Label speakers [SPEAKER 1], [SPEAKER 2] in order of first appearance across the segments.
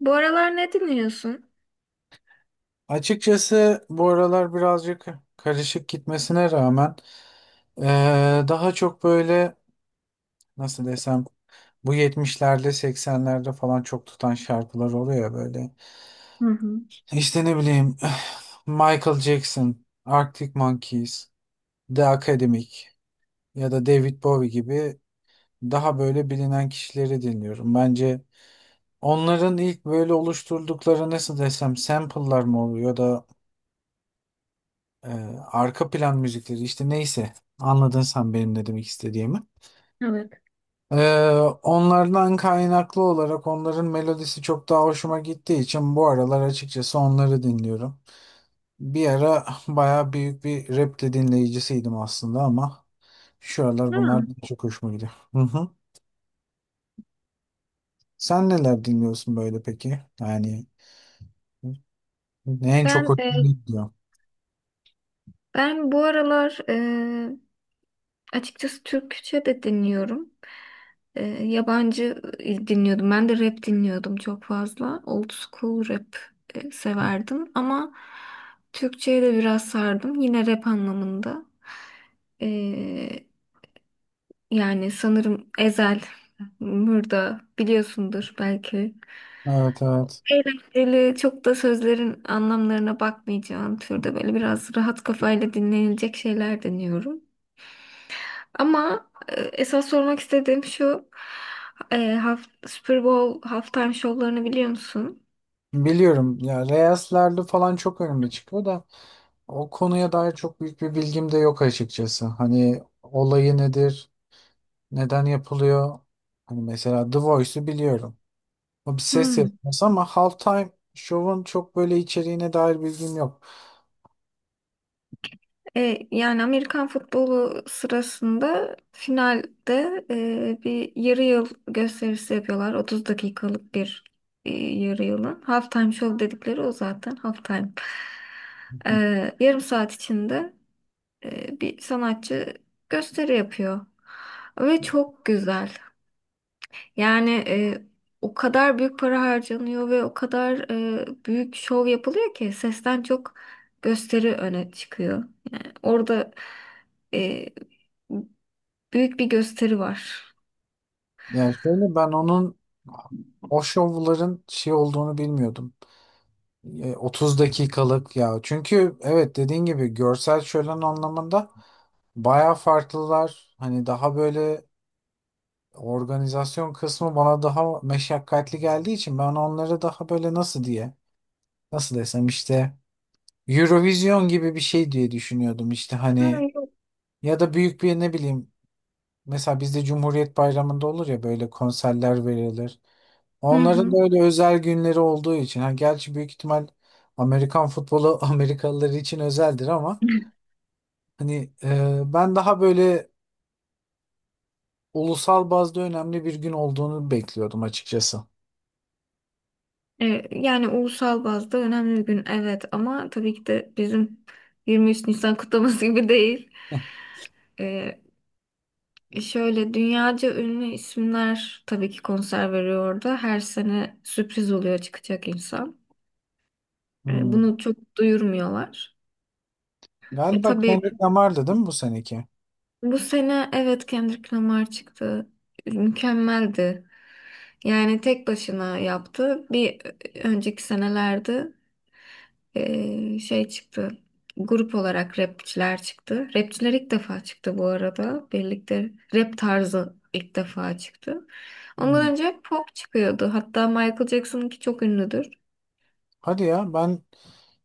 [SPEAKER 1] Bu aralar ne dinliyorsun?
[SPEAKER 2] Açıkçası bu aralar birazcık karışık gitmesine rağmen daha çok böyle nasıl desem bu 70'lerde 80'lerde falan çok tutan şarkılar oluyor ya böyle. İşte ne bileyim Michael Jackson, Arctic Monkeys, The Academic ya da David Bowie gibi daha böyle bilinen kişileri dinliyorum. Bence onların ilk böyle oluşturdukları nasıl desem sample'lar mı oluyor da Ee, arka plan müzikleri işte neyse, anladın sen benim ne demek istediğimi.
[SPEAKER 1] Evet.
[SPEAKER 2] Ee, onlardan kaynaklı olarak onların melodisi çok daha hoşuma gittiği için bu aralar açıkçası onları dinliyorum. Bir ara baya büyük bir rap de dinleyicisiydim aslında ama şu aralar bunlar
[SPEAKER 1] Ha,
[SPEAKER 2] çok hoşuma gidiyor. Hı hı. Sen neler dinliyorsun böyle peki? Yani en çok
[SPEAKER 1] ben
[SPEAKER 2] hoşuna gidiyor.
[SPEAKER 1] bu aralar açıkçası Türkçe de dinliyorum. Yabancı dinliyordum. Ben de rap dinliyordum çok fazla. Old school rap severdim ama Türkçe'ye de biraz sardım. Yine rap anlamında. E, yani sanırım Ezel, Mürda biliyorsundur belki.
[SPEAKER 2] Evet evet.
[SPEAKER 1] Eğlenceli, çok da sözlerin anlamlarına bakmayacağın türde böyle biraz rahat kafayla dinlenilecek şeyler deniyorum. Ama esas sormak istediğim şu, e, haft Super Bowl halftime şovlarını biliyor musun?
[SPEAKER 2] Biliyorum ya, Reyes'lerde falan çok önüme çıkıyor da o konuya dair çok büyük bir bilgim de yok açıkçası. Hani olayı nedir, neden yapılıyor? Hani mesela The Voice'u biliyorum. O bir ses
[SPEAKER 1] Hmm.
[SPEAKER 2] yarışması ama Halftime Show'un çok böyle içeriğine dair bilgim yok.
[SPEAKER 1] E, yani Amerikan futbolu sırasında finalde bir yarı yıl gösterisi yapıyorlar. 30 dakikalık bir yarı yılın. Halftime show dedikleri o zaten halftime. E, yarım saat içinde bir sanatçı gösteri yapıyor. Ve çok güzel. Yani o kadar büyük para harcanıyor ve o kadar büyük şov yapılıyor ki sesten çok gösteri öne çıkıyor. Yani orada e, büyük bir gösteri var.
[SPEAKER 2] Yani şöyle, ben onun o şovların şey olduğunu bilmiyordum. 30 dakikalık ya. Çünkü evet dediğin gibi görsel şölen anlamında bayağı farklılar. Hani daha böyle organizasyon kısmı bana daha meşakkatli geldiği için ben onları daha böyle nasıl diye, nasıl desem işte, Eurovision gibi bir şey diye düşünüyordum işte
[SPEAKER 1] Ha.
[SPEAKER 2] hani, ya da büyük bir ne bileyim, mesela bizde Cumhuriyet Bayramı'nda olur ya böyle konserler verilir.
[SPEAKER 1] Hı
[SPEAKER 2] Onların da
[SPEAKER 1] hı.
[SPEAKER 2] öyle özel günleri olduğu için, ha gerçi büyük ihtimal Amerikan futbolu Amerikalılar için özeldir ama hani ben daha böyle ulusal bazda önemli bir gün olduğunu bekliyordum açıkçası.
[SPEAKER 1] E, yani ulusal bazda önemli bir gün, evet, ama tabii ki de bizim 23 Nisan kutlaması gibi değil. E, Şöyle dünyaca ünlü isimler tabii ki konser veriyor orada. Her sene sürpriz oluyor çıkacak insan. E,
[SPEAKER 2] Hmm.
[SPEAKER 1] bunu çok duyurmuyorlar. E,
[SPEAKER 2] Galiba
[SPEAKER 1] tabii
[SPEAKER 2] Kendrick Lamar'dı değil mi bu seneki?
[SPEAKER 1] bu sene, evet, Kendrick Lamar çıktı. Mükemmeldi. Yani tek başına yaptı. Önceki senelerde çıktı. Grup olarak rapçiler çıktı. Rapçiler ilk defa çıktı bu arada. Birlikte rap tarzı ilk defa çıktı.
[SPEAKER 2] Hmm.
[SPEAKER 1] Ondan önce hep pop çıkıyordu. Hatta Michael Jackson'ınki çok ünlüdür.
[SPEAKER 2] Hadi ya, ben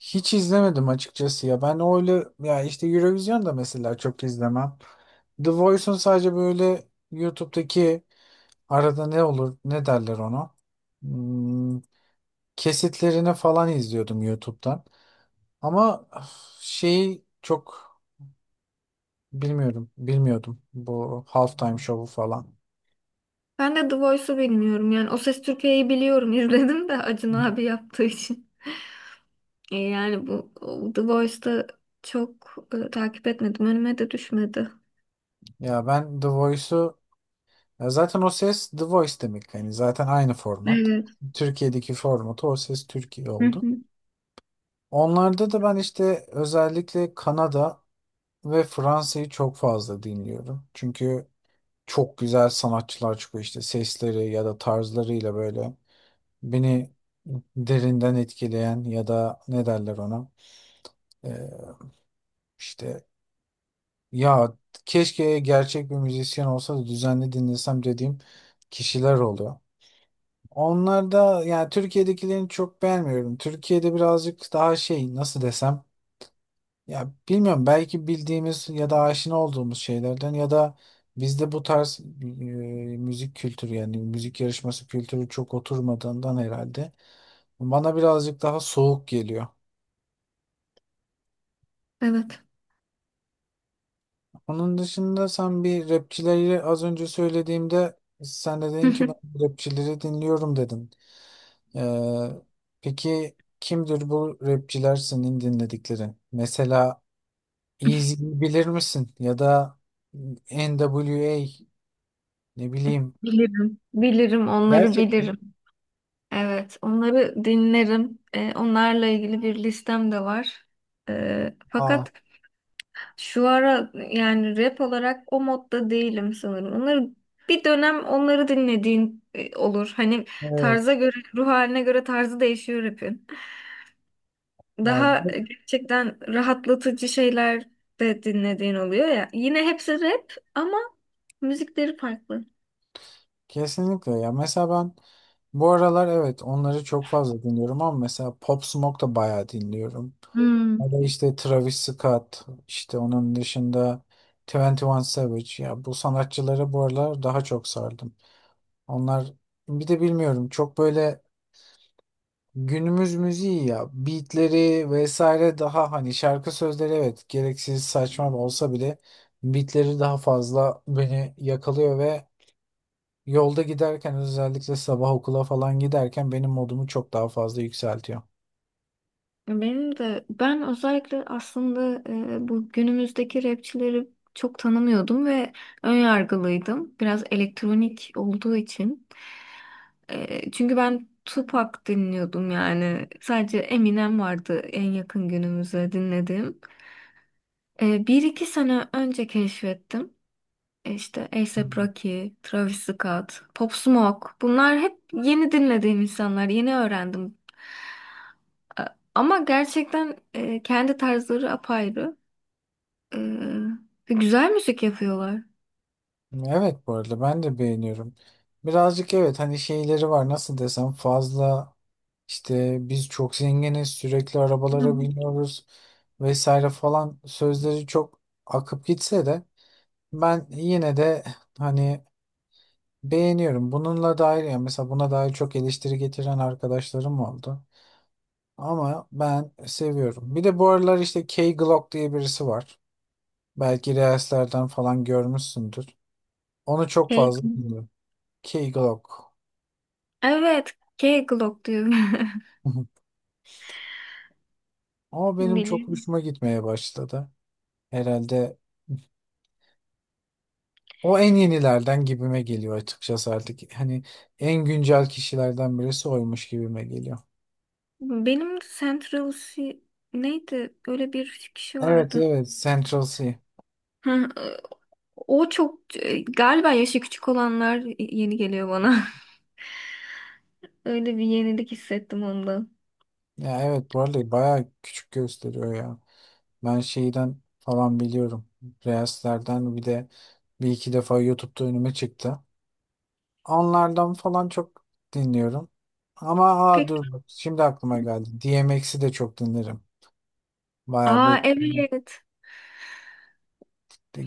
[SPEAKER 2] hiç izlemedim açıkçası ya. Ben öyle ya işte Eurovision da mesela çok izlemem. The Voice'un sadece böyle YouTube'daki arada ne olur ne derler ona, Hmm, kesitlerini falan izliyordum YouTube'dan. Ama öf, şeyi çok bilmiyordum bu halftime show'u falan.
[SPEAKER 1] Ben de The Voice'u bilmiyorum. Yani O Ses Türkiye'yi biliyorum. izledim de Acun abi yaptığı için. Yani bu o The Voice'da çok takip etmedim. Önüme de düşmedi.
[SPEAKER 2] Ya ben The Voice'u... Ya zaten o ses The Voice demek. Yani zaten aynı format.
[SPEAKER 1] Evet.
[SPEAKER 2] Türkiye'deki formatı O Ses Türkiye
[SPEAKER 1] Hı
[SPEAKER 2] oldu.
[SPEAKER 1] hı.
[SPEAKER 2] Onlarda da ben işte özellikle Kanada ve Fransa'yı çok fazla dinliyorum. Çünkü çok güzel sanatçılar çıkıyor işte sesleri ya da tarzlarıyla böyle beni derinden etkileyen ya da ne derler ona, Ee, işte ya keşke gerçek bir müzisyen olsa da düzenli dinlesem dediğim kişiler oluyor. Onlar da, yani Türkiye'dekilerini çok beğenmiyorum. Türkiye'de birazcık daha şey nasıl desem, ya bilmiyorum belki bildiğimiz ya da aşina olduğumuz şeylerden ya da bizde bu tarz müzik kültürü yani müzik yarışması kültürü çok oturmadığından herhalde bana birazcık daha soğuk geliyor.
[SPEAKER 1] Evet.
[SPEAKER 2] Onun dışında sen bir rapçileri az önce söylediğimde sen de dedin ki ben rapçileri dinliyorum dedin. Ee, peki kimdir bu rapçiler senin dinledikleri? Mesela Eazy'yi bilir misin? Ya da NWA ne bileyim.
[SPEAKER 1] Bilirim. Bilirim onları
[SPEAKER 2] Gerçekten.
[SPEAKER 1] bilirim. Evet, onları dinlerim. Onlarla ilgili bir listem de var. E,
[SPEAKER 2] Aa,
[SPEAKER 1] fakat şu ara yani rap olarak o modda değilim sanırım. Onları bir dönem dinlediğin olur. Hani
[SPEAKER 2] evet.
[SPEAKER 1] tarza göre, ruh haline göre tarzı değişiyor rapin.
[SPEAKER 2] Ya,
[SPEAKER 1] Daha gerçekten rahatlatıcı şeyler de dinlediğin oluyor ya. Yine hepsi rap ama müzikleri farklı.
[SPEAKER 2] kesinlikle ya. Mesela ben bu aralar evet onları çok fazla dinliyorum ama mesela Pop Smoke da bayağı dinliyorum.
[SPEAKER 1] Hmm.
[SPEAKER 2] Ya da işte Travis Scott, işte onun dışında 21 Savage. Ya bu sanatçılara bu aralar daha çok sardım. Onlar bir de bilmiyorum çok böyle günümüz müziği ya, beatleri vesaire daha hani şarkı sözleri evet gereksiz saçma olsa bile beatleri daha fazla beni yakalıyor ve yolda giderken özellikle sabah okula falan giderken benim modumu çok daha fazla yükseltiyor.
[SPEAKER 1] Ben özellikle aslında bu günümüzdeki rapçileri çok tanımıyordum ve önyargılıydım. Biraz elektronik olduğu için. E, çünkü ben Tupac dinliyordum yani. Sadece Eminem vardı en yakın günümüze dinlediğim. E, bir iki sene önce keşfettim. E, İşte A$AP
[SPEAKER 2] Hmm.
[SPEAKER 1] Rocky, Travis Scott, Pop Smoke. Bunlar hep yeni dinlediğim insanlar. Yeni öğrendim. E, ama gerçekten kendi tarzları apayrı. E, ve güzel müzik yapıyorlar.
[SPEAKER 2] Evet bu arada ben de beğeniyorum. Birazcık evet hani şeyleri var nasıl desem fazla, işte biz çok zenginiz sürekli
[SPEAKER 1] Hı.
[SPEAKER 2] arabalara biniyoruz vesaire falan sözleri çok akıp gitse de ben yine de hani beğeniyorum. Bununla dair yani mesela buna dair çok eleştiri getiren arkadaşlarım oldu. Ama ben seviyorum. Bir de bu aralar işte K. Glock diye birisi var. Belki Reels'lerden falan görmüşsündür. Onu çok
[SPEAKER 1] Cake
[SPEAKER 2] fazla
[SPEAKER 1] mi?
[SPEAKER 2] dinliyorum. K. Glock.
[SPEAKER 1] Evet, K-Glock diyor.
[SPEAKER 2] Ama benim çok
[SPEAKER 1] Biliyorum.
[SPEAKER 2] hoşuma gitmeye başladı. Herhalde o en yenilerden gibime geliyor açıkçası artık. Hani en güncel kişilerden birisi oymuş gibime geliyor.
[SPEAKER 1] Benim de Central C neydi? Öyle bir kişi
[SPEAKER 2] Evet
[SPEAKER 1] vardı.
[SPEAKER 2] evet, Central C.
[SPEAKER 1] Hı. e, O çok galiba yaşı küçük olanlar yeni geliyor bana. Öyle bir yenilik hissettim ondan.
[SPEAKER 2] Ya evet bu arada bayağı küçük gösteriyor ya. Ben şeyden falan biliyorum. Reels'lerden bir de bir iki defa YouTube'da önüme çıktı. Onlardan falan çok dinliyorum. Ama aa
[SPEAKER 1] Pek.
[SPEAKER 2] dur bak şimdi aklıma
[SPEAKER 1] Hı.
[SPEAKER 2] geldi, DMX'i de çok dinlerim. Bayağı
[SPEAKER 1] Aa,
[SPEAKER 2] bu
[SPEAKER 1] evet.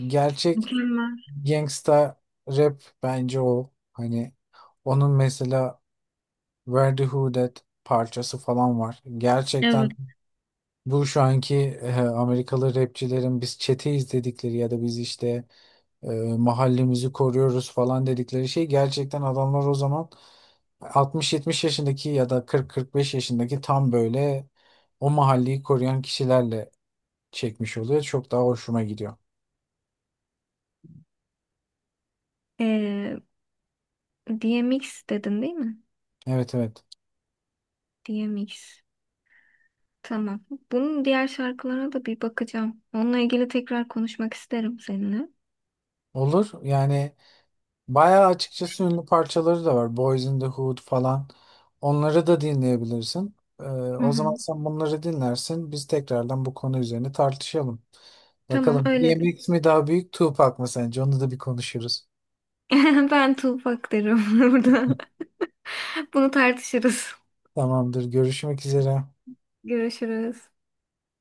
[SPEAKER 2] gerçek
[SPEAKER 1] Mükemmel.
[SPEAKER 2] gangsta rap bence o. Hani onun mesela Where the Hood At parçası falan var. Gerçekten
[SPEAKER 1] Evet.
[SPEAKER 2] bu şu anki Amerikalı rapçilerin biz çeteyiz dedikleri ya da biz işte e, mahallemizi koruyoruz falan dedikleri şey, gerçekten adamlar o zaman 60-70 yaşındaki ya da 40-45 yaşındaki tam böyle o mahalleyi koruyan kişilerle çekmiş oluyor. Çok daha hoşuma gidiyor.
[SPEAKER 1] Ee, DMX dedin değil mi?
[SPEAKER 2] Evet evet.
[SPEAKER 1] DMX. Tamam. Bunun diğer şarkılarına da bir bakacağım. Onunla ilgili tekrar konuşmak isterim seninle.
[SPEAKER 2] Olur yani, bayağı açıkçası ünlü parçaları da var. Boys in the Hood falan. Onları da dinleyebilirsin. Ee,
[SPEAKER 1] Hı
[SPEAKER 2] o
[SPEAKER 1] hı.
[SPEAKER 2] zaman sen bunları dinlersin. Biz tekrardan bu konu üzerine tartışalım.
[SPEAKER 1] Tamam
[SPEAKER 2] Bakalım
[SPEAKER 1] öyle.
[SPEAKER 2] DMX mi daha büyük, Tupac mı sence? Onu da bir konuşuruz.
[SPEAKER 1] Ben Tuğbak derim burada. Bunu tartışırız.
[SPEAKER 2] Tamamdır. Görüşmek üzere.
[SPEAKER 1] Görüşürüz.